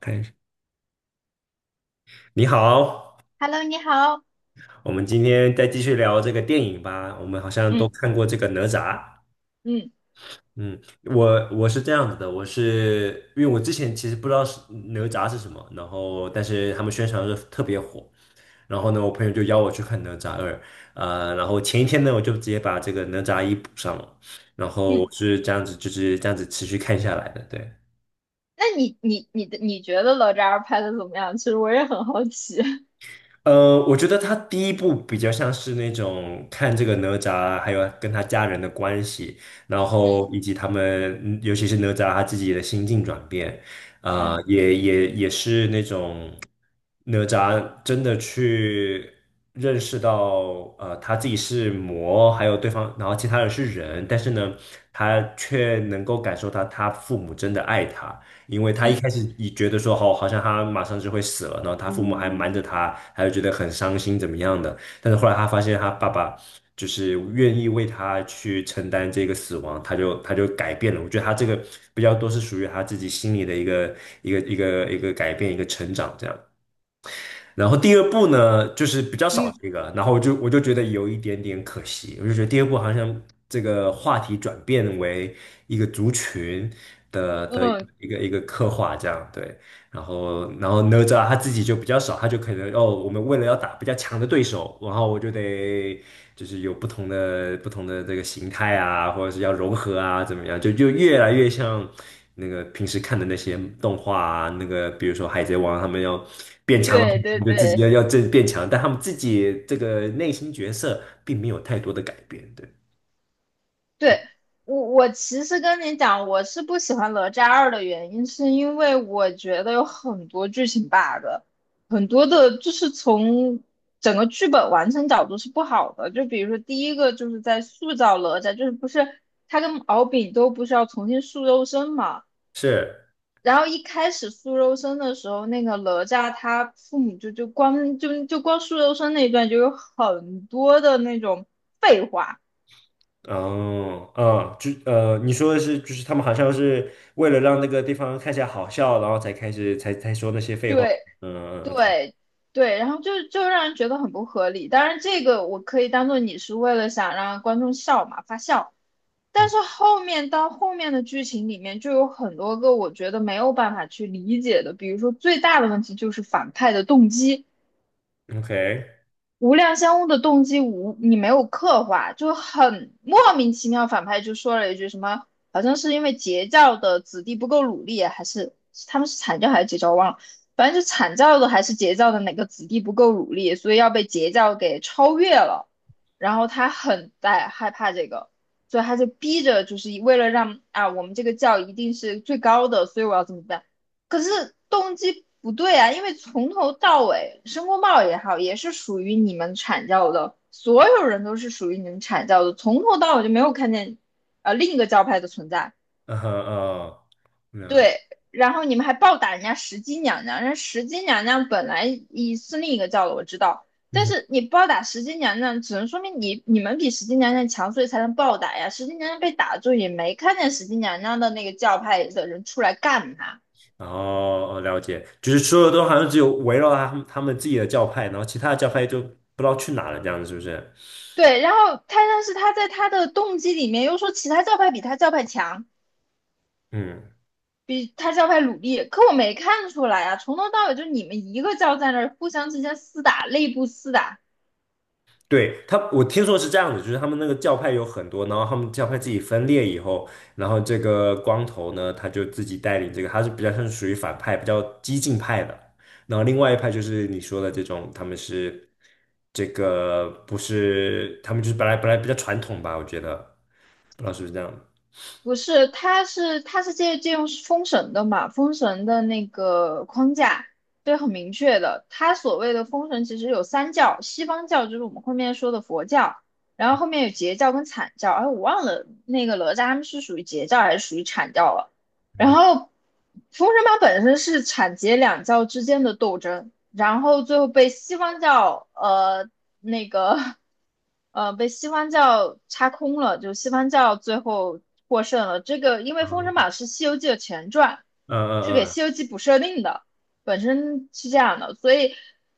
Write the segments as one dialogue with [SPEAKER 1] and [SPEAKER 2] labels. [SPEAKER 1] 看一下，你好，
[SPEAKER 2] Hello，你好。
[SPEAKER 1] 我们今天再继续聊这个电影吧。我们好像都
[SPEAKER 2] 嗯。
[SPEAKER 1] 看过这个哪吒。
[SPEAKER 2] 嗯
[SPEAKER 1] 嗯，我是这样子的，我是因为我之前其实不知道是哪吒是什么，然后但是他们宣传的时候特别火，然后呢，我朋友就邀我去看哪吒二。然后前一天呢，我就直接把这个哪吒一补上了，然后
[SPEAKER 2] 嗯，
[SPEAKER 1] 我是这样子，就是这样子持续看下来的，对。
[SPEAKER 2] 那你的觉得哪吒拍的怎么样？其实我也很好奇。
[SPEAKER 1] 我觉得他第一部比较像是那种看这个哪吒，还有跟他家人的关系，然
[SPEAKER 2] 嗯。
[SPEAKER 1] 后以及他们，尤其是哪吒他自己的心境转变，
[SPEAKER 2] 嗯
[SPEAKER 1] 也是那种哪吒真的去认识到，他自己是魔，还有对方，然后其他人是人，但是呢，他却能够感受到他父母真的爱他。因为他一
[SPEAKER 2] 嗯
[SPEAKER 1] 开始也觉得说，哦，好像他马上就会死了，然后他父母还瞒着他，还有觉得很伤心怎么样的。但是后来他发现他爸爸就是愿意为他去承担这个死亡，他就改变了。我觉得他这个比较多是属于他自己心里的一个改变，一个成长这样。然后第二部呢，就是比较少
[SPEAKER 2] 嗯
[SPEAKER 1] 这个，然后我就觉得有一点点可惜，我就觉得第二部好像这个话题转变为一个族群的
[SPEAKER 2] 嗯，
[SPEAKER 1] 一个刻画这样，对。然后哪吒他自己就比较少，他就可能哦，我们为了要打比较强的对手，然后我就得就是有不同的这个形态啊，或者是要融合啊，怎么样，就越来越像那个平时看的那些动画啊，那个比如说海贼王，他们要变强了，
[SPEAKER 2] 对对
[SPEAKER 1] 就自己要
[SPEAKER 2] 对
[SPEAKER 1] 要这变强，但他们自己这个内心角色并没有太多的改变，对，
[SPEAKER 2] 对。我其实跟你讲，我是不喜欢哪吒二的原因，是因为我觉得有很多剧情 bug，很多的就是从整个剧本完成角度是不好的。就比如说第一个就是在塑造哪吒，就是不是他跟敖丙都不是要重新塑肉身嘛？
[SPEAKER 1] 是。
[SPEAKER 2] 然后一开始苏柔生的时候，那个哪吒他父母就光苏柔生那一段就有很多的那种废话。
[SPEAKER 1] 哦，你说的是，就是他们好像是为了让那个地方看起来好笑，然后才开始才说那些废话。
[SPEAKER 2] 对
[SPEAKER 1] 嗯，OK,
[SPEAKER 2] 对对，然后就就让人觉得很不合理。当然，这个我可以当做你是为了想让观众笑嘛发笑，但
[SPEAKER 1] 嗯
[SPEAKER 2] 是后面到后面的剧情里面就有很多个我觉得没有办法去理解的，比如说最大的问题就是反派的动机。
[SPEAKER 1] ，OK,
[SPEAKER 2] 无量相翁的动机无你没有刻画，就很莫名其妙。反派就说了一句什么，好像是因为截教的子弟不够努力，还是他们是阐教还是截教，忘了。反正就阐教的还是截教的哪个子弟不够努力，所以要被截教给超越了。然后他很在害怕这个，所以他就逼着，就是为了让啊我们这个教一定是最高的，所以我要怎么办？可是动机不对啊，因为从头到尾，申公豹也好，也是属于你们阐教的，所有人都是属于你们阐教的，从头到尾就没有看见另一个教派的存在。
[SPEAKER 1] 嗯嗯，哦，了，
[SPEAKER 2] 对，然后你们还暴打人家石矶娘娘，人家石矶娘娘本来一是另一个教的，我知道，但
[SPEAKER 1] 嗯，
[SPEAKER 2] 是你暴打石矶娘娘，只能说明你们比石矶娘娘强，所以才能暴打呀。石矶娘娘被打住，也没看见石矶娘娘的那个教派的人出来干她。
[SPEAKER 1] 哦，哦了解，就是说的都好像只有围绕他们自己的教派，然后其他的教派就不知道去哪了，这样子是不是？
[SPEAKER 2] 对，然后他但是他在他的动机里面又说其他教派比他教派强，
[SPEAKER 1] 嗯。
[SPEAKER 2] 比他教派努力，可我没看出来啊，从头到尾就你们一个教在那儿互相之间厮打，内部厮打。
[SPEAKER 1] 对，他，我听说是这样子，就是他们那个教派有很多，然后他们教派自己分裂以后，然后这个光头呢，他就自己带领这个，他是比较像是属于反派，比较激进派的。然后另外一派就是你说的这种，他们是这个不是，他们就是本来比较传统吧，我觉得，不知道是不是这样。
[SPEAKER 2] 不是，它是借用封神的嘛，封神的那个框架，对，很明确的。它所谓的封神其实有三教，西方教就是我们后面说的佛教，然后后面有截教跟阐教，哎，我忘了那个哪吒他们是属于截教还是属于阐教了。然
[SPEAKER 1] 嗯
[SPEAKER 2] 后封神榜本身是阐截两教之间的斗争，然后最后被西方教那个被西方教插空了，就西方教最后获胜了。这个因为《封神
[SPEAKER 1] 嗯
[SPEAKER 2] 榜》是《西游记》的前传，
[SPEAKER 1] 嗯
[SPEAKER 2] 是给
[SPEAKER 1] 嗯
[SPEAKER 2] 《西游记》补设定的，本身是这样的，所以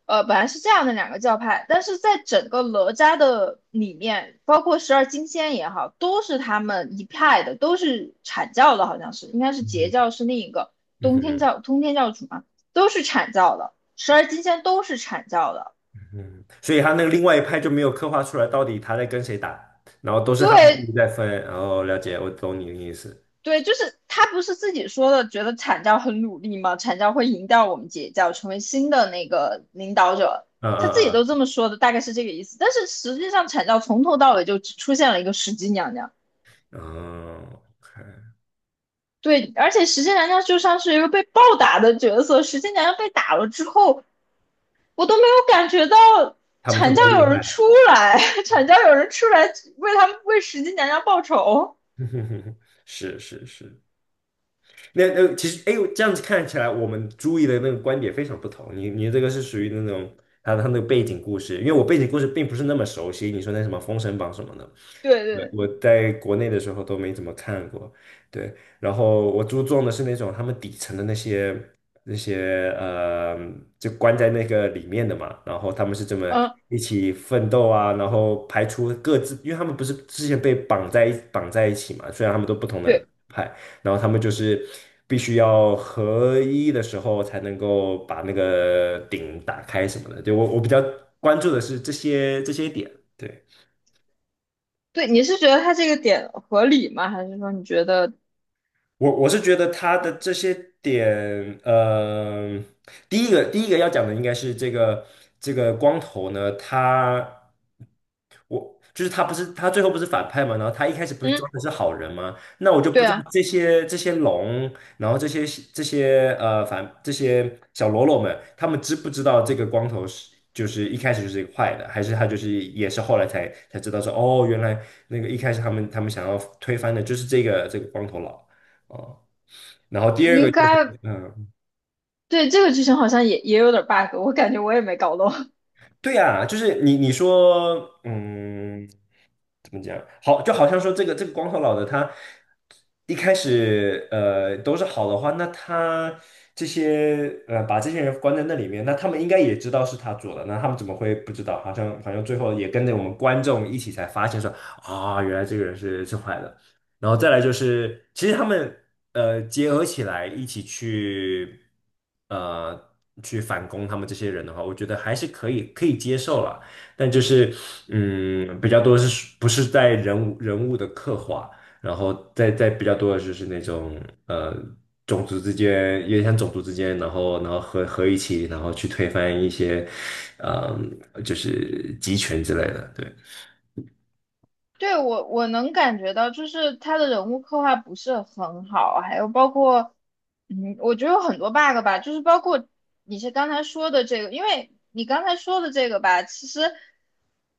[SPEAKER 2] 本来是这样的两个教派，但是在整个哪吒的里面，包括十二金仙也好，都是他们一派的，都是阐教的，好像是应该是截
[SPEAKER 1] 嗯
[SPEAKER 2] 教是另一个
[SPEAKER 1] 嗯嗯
[SPEAKER 2] 通天教主嘛，都是阐教的，十二金仙都是阐教的。
[SPEAKER 1] 嗯，所以他那个另外一派就没有刻画出来到底他在跟谁打，然后都是他们自
[SPEAKER 2] 对。
[SPEAKER 1] 己在分。然后了解，我懂你的意思。
[SPEAKER 2] 对，就是他不是自己说的，觉得阐教很努力吗？阐教会赢掉我们截教，成为新的那个领导者，
[SPEAKER 1] 嗯
[SPEAKER 2] 他自
[SPEAKER 1] 嗯
[SPEAKER 2] 己都这
[SPEAKER 1] 嗯
[SPEAKER 2] 么说的，大概是这个意思。但是实际上，阐教从头到尾就只出现了一个石矶娘娘，
[SPEAKER 1] 嗯，
[SPEAKER 2] 对，而且石矶娘娘就像是一个被暴打的角色，石矶娘娘被打了之后，我都没有感觉到
[SPEAKER 1] 他们特
[SPEAKER 2] 阐教
[SPEAKER 1] 别厉
[SPEAKER 2] 有人
[SPEAKER 1] 害，
[SPEAKER 2] 出来，阐教有人出来为他们为石矶娘娘报仇。
[SPEAKER 1] 是是是。那其实，哎，这样子看起来，我们注意的那个观点非常不同。你这个是属于那种他那个背景故事，因为我背景故事并不是那么熟悉。你说那什么《封神榜》什么的，
[SPEAKER 2] 对
[SPEAKER 1] 对
[SPEAKER 2] 对。
[SPEAKER 1] 我在国内的时候都没怎么看过，对。然后我注重的是那种他们底层的那些那些呃，就关在那个里面的嘛。然后他们是这么
[SPEAKER 2] 嗯。
[SPEAKER 1] 一起奋斗啊，然后排除各自，因为他们不是之前被绑在一起嘛，虽然他们都不同的
[SPEAKER 2] 对。
[SPEAKER 1] 派，然后他们就是必须要合一的时候才能够把那个顶打开什么的。对，我比较关注的是这些点，对。
[SPEAKER 2] 对，你是觉得他这个点合理吗？还是说你觉得，
[SPEAKER 1] 我是觉得他的这些点，第一个要讲的应该是这个光头呢，他我就是他不是他最后不是反派嘛，然后他一开始不是
[SPEAKER 2] 嗯，
[SPEAKER 1] 装的是好人吗？那我就不
[SPEAKER 2] 对
[SPEAKER 1] 知道
[SPEAKER 2] 啊，
[SPEAKER 1] 这些龙，然后这些这些小喽啰们，他们知不知道这个光头是就是一开始就是一个坏的，还是他就是也是后来才知道说哦，原来那个一开始他们想要推翻的就是这个光头佬。哦，然后第
[SPEAKER 2] 你
[SPEAKER 1] 二个
[SPEAKER 2] 应
[SPEAKER 1] 就
[SPEAKER 2] 该
[SPEAKER 1] 是，嗯，
[SPEAKER 2] 对这个剧情好像也也有点 bug，我感觉我也没搞懂。
[SPEAKER 1] 对呀，就是你说，嗯。怎么讲？好，就好像说这个光头佬的他一开始都是好的话，那他这些把这些人关在那里面，那他们应该也知道是他做的，那他们怎么会不知道？好像最后也跟着我们观众一起才发现说原来这个人是坏的。然后再来就是，其实他们结合起来一起去呃去反攻他们这些人的话，我觉得还是可以接受了。但就是比较多是属不是在人物的刻画，然后再比较多的就是那种呃种族之间，有点像种族之间，然后然后合一起，然后去推翻一些就是集权之类的，对。
[SPEAKER 2] 对，我能感觉到，就是他的人物刻画不是很好，还有包括，嗯，我觉得有很多 bug 吧，就是包括你是刚才说的这个，因为你刚才说的这个吧，其实，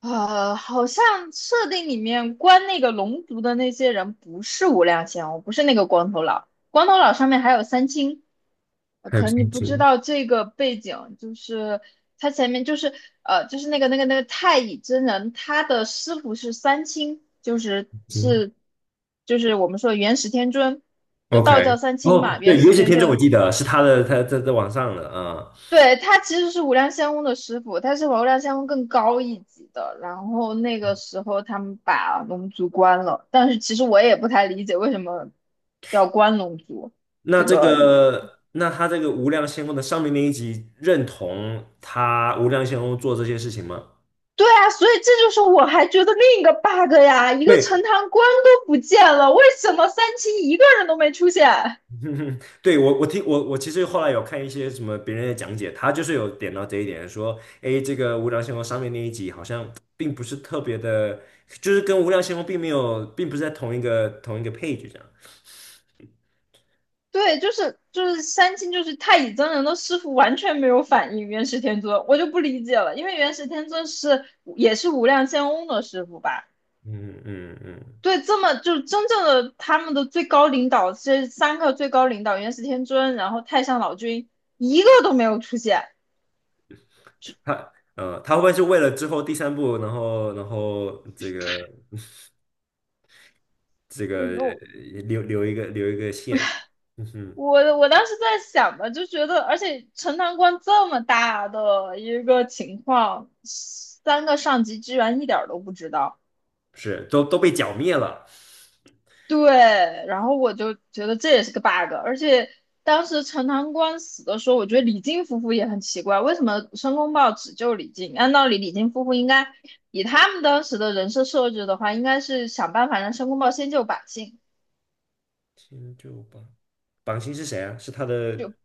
[SPEAKER 2] 好像设定里面关那个龙族的那些人不是无量仙翁，不是那个光头佬。光头佬上面还有三清，
[SPEAKER 1] 还有
[SPEAKER 2] 可能你
[SPEAKER 1] 星
[SPEAKER 2] 不知
[SPEAKER 1] 星
[SPEAKER 2] 道这个背景，就是他前面就是就是那个太乙真人，他的师傅是三清，
[SPEAKER 1] 星
[SPEAKER 2] 就是我们说的元始天尊，就
[SPEAKER 1] ，OK,
[SPEAKER 2] 道教三清
[SPEAKER 1] 哦，
[SPEAKER 2] 嘛，
[SPEAKER 1] 对，
[SPEAKER 2] 元始
[SPEAKER 1] 《原些
[SPEAKER 2] 天
[SPEAKER 1] 天尊》我
[SPEAKER 2] 尊。
[SPEAKER 1] 记得是他的，他在网上的
[SPEAKER 2] 对，他其实是无量仙翁的师傅，他是无量仙翁更高一级的。然后那个时候他们把龙族关了，但是其实我也不太理解为什么要关龙族。这个
[SPEAKER 1] 那他这个无量仙翁的上面那一集认同他无量仙翁做这些事情吗？
[SPEAKER 2] 对啊，所以这就是我还觉得另一个 bug 呀，一个陈
[SPEAKER 1] 对，
[SPEAKER 2] 塘关都不见了，为什么三清一个人都没出现？
[SPEAKER 1] 嗯对，我其实后来有看一些什么别人的讲解，他就是有点到这一点，说，哎，这个无量星空上面那一集好像并不是特别的，就是跟无量星空并没有，并不是在同一个 page 这样。
[SPEAKER 2] 对，就是三清就是太乙真人的师傅完全没有反应元始天尊，我就不理解了，因为元始天尊是也是无量仙翁的师傅吧？
[SPEAKER 1] 嗯嗯嗯，
[SPEAKER 2] 对，这么就是真正的他们的最高领导，这三个最高领导元始天尊，然后太上老君一个都没有出现。
[SPEAKER 1] 他会不会是为了之后第三部，然后这个
[SPEAKER 2] 我
[SPEAKER 1] 留一个线？嗯哼，
[SPEAKER 2] 我当时在想嘛，就觉得，而且陈塘关这么大的一个情况，三个上级居然一点儿都不知道。
[SPEAKER 1] 是都被剿灭了。
[SPEAKER 2] 对，然后我就觉得这也是个 bug，而且当时陈塘关死的时候，我觉得李靖夫妇也很奇怪，为什么申公豹只救李靖？按道理李靖夫妇应该以他们当时的人设设置的话，应该是想办法让申公豹先救百姓，
[SPEAKER 1] 天就榜星是谁啊？是他的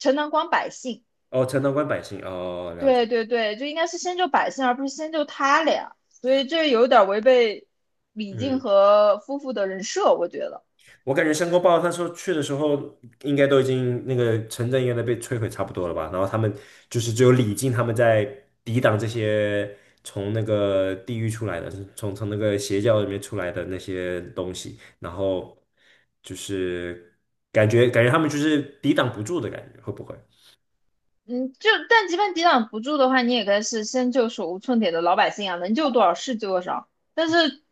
[SPEAKER 2] 陈塘关百姓。
[SPEAKER 1] 哦，陈道官百姓哦，了解。
[SPEAKER 2] 对对对，就应该是先救百姓，而不是先救他俩，所以这有点违背李靖
[SPEAKER 1] 嗯，
[SPEAKER 2] 和夫妇的人设，我觉得。
[SPEAKER 1] 我感觉申公豹他说去的时候，应该都已经那个城镇应该都被摧毁差不多了吧？然后他们就是只有李靖他们在抵挡这些从那个地狱出来的，是从那个邪教里面出来的那些东西，然后就是感觉他们就是抵挡不住的感觉，会不会？
[SPEAKER 2] 嗯，就但即便抵挡不住的话，你也该是先救手无寸铁的老百姓啊，能救多少是救多少。但是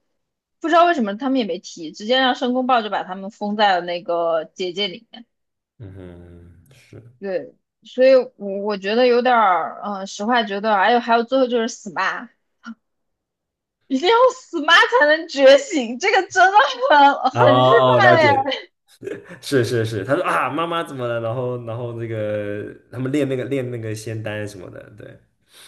[SPEAKER 2] 不知道为什么他们也没提，直接让申公豹就把他们封在了那个结界里面。
[SPEAKER 1] 嗯哼，是。
[SPEAKER 2] 对，所以我觉得有点儿，嗯，实话觉得，哎呦，还有最后就是死妈，一定要死妈才能觉醒，这个真的很
[SPEAKER 1] 哦
[SPEAKER 2] 很日
[SPEAKER 1] 哦，了
[SPEAKER 2] 漫呀。
[SPEAKER 1] 解，是是是，他说啊，妈妈怎么了？然后那个他们练那个仙丹什么的，对。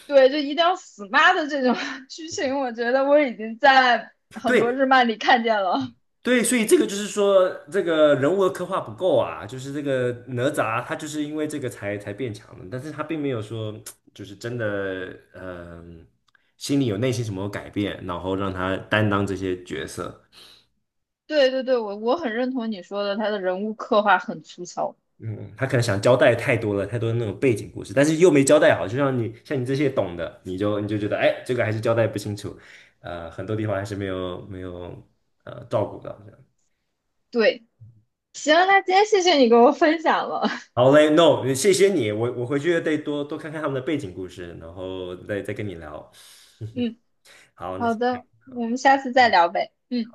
[SPEAKER 2] 对，就一定要死妈的这种 剧情，我觉得我已经在很多
[SPEAKER 1] 对，
[SPEAKER 2] 日漫里看见了。
[SPEAKER 1] 对，所以这个就是说，这个人物的刻画不够啊，就是这个哪吒他就是因为这个才变强的，但是他并没有说就是真的，心里有内心什么改变，然后让他担当这些角色。
[SPEAKER 2] 对对对，我很认同你说的，他的人物刻画很粗糙。
[SPEAKER 1] 嗯，他可能想交代太多了，太多的那种背景故事，但是又没交代好，就像你这些懂的，你就觉得，哎，这个还是交代不清楚，很多地方还是没有照顾到，这样。
[SPEAKER 2] 对，行，那今天谢谢你给我分享了。
[SPEAKER 1] 好嘞，No,谢谢你，我回去得多多看看他们的背景故事，然后再跟你聊。
[SPEAKER 2] 嗯，
[SPEAKER 1] 好，那
[SPEAKER 2] 好
[SPEAKER 1] 先这样
[SPEAKER 2] 的，
[SPEAKER 1] 好。
[SPEAKER 2] 我们下
[SPEAKER 1] 好
[SPEAKER 2] 次再聊呗。嗯。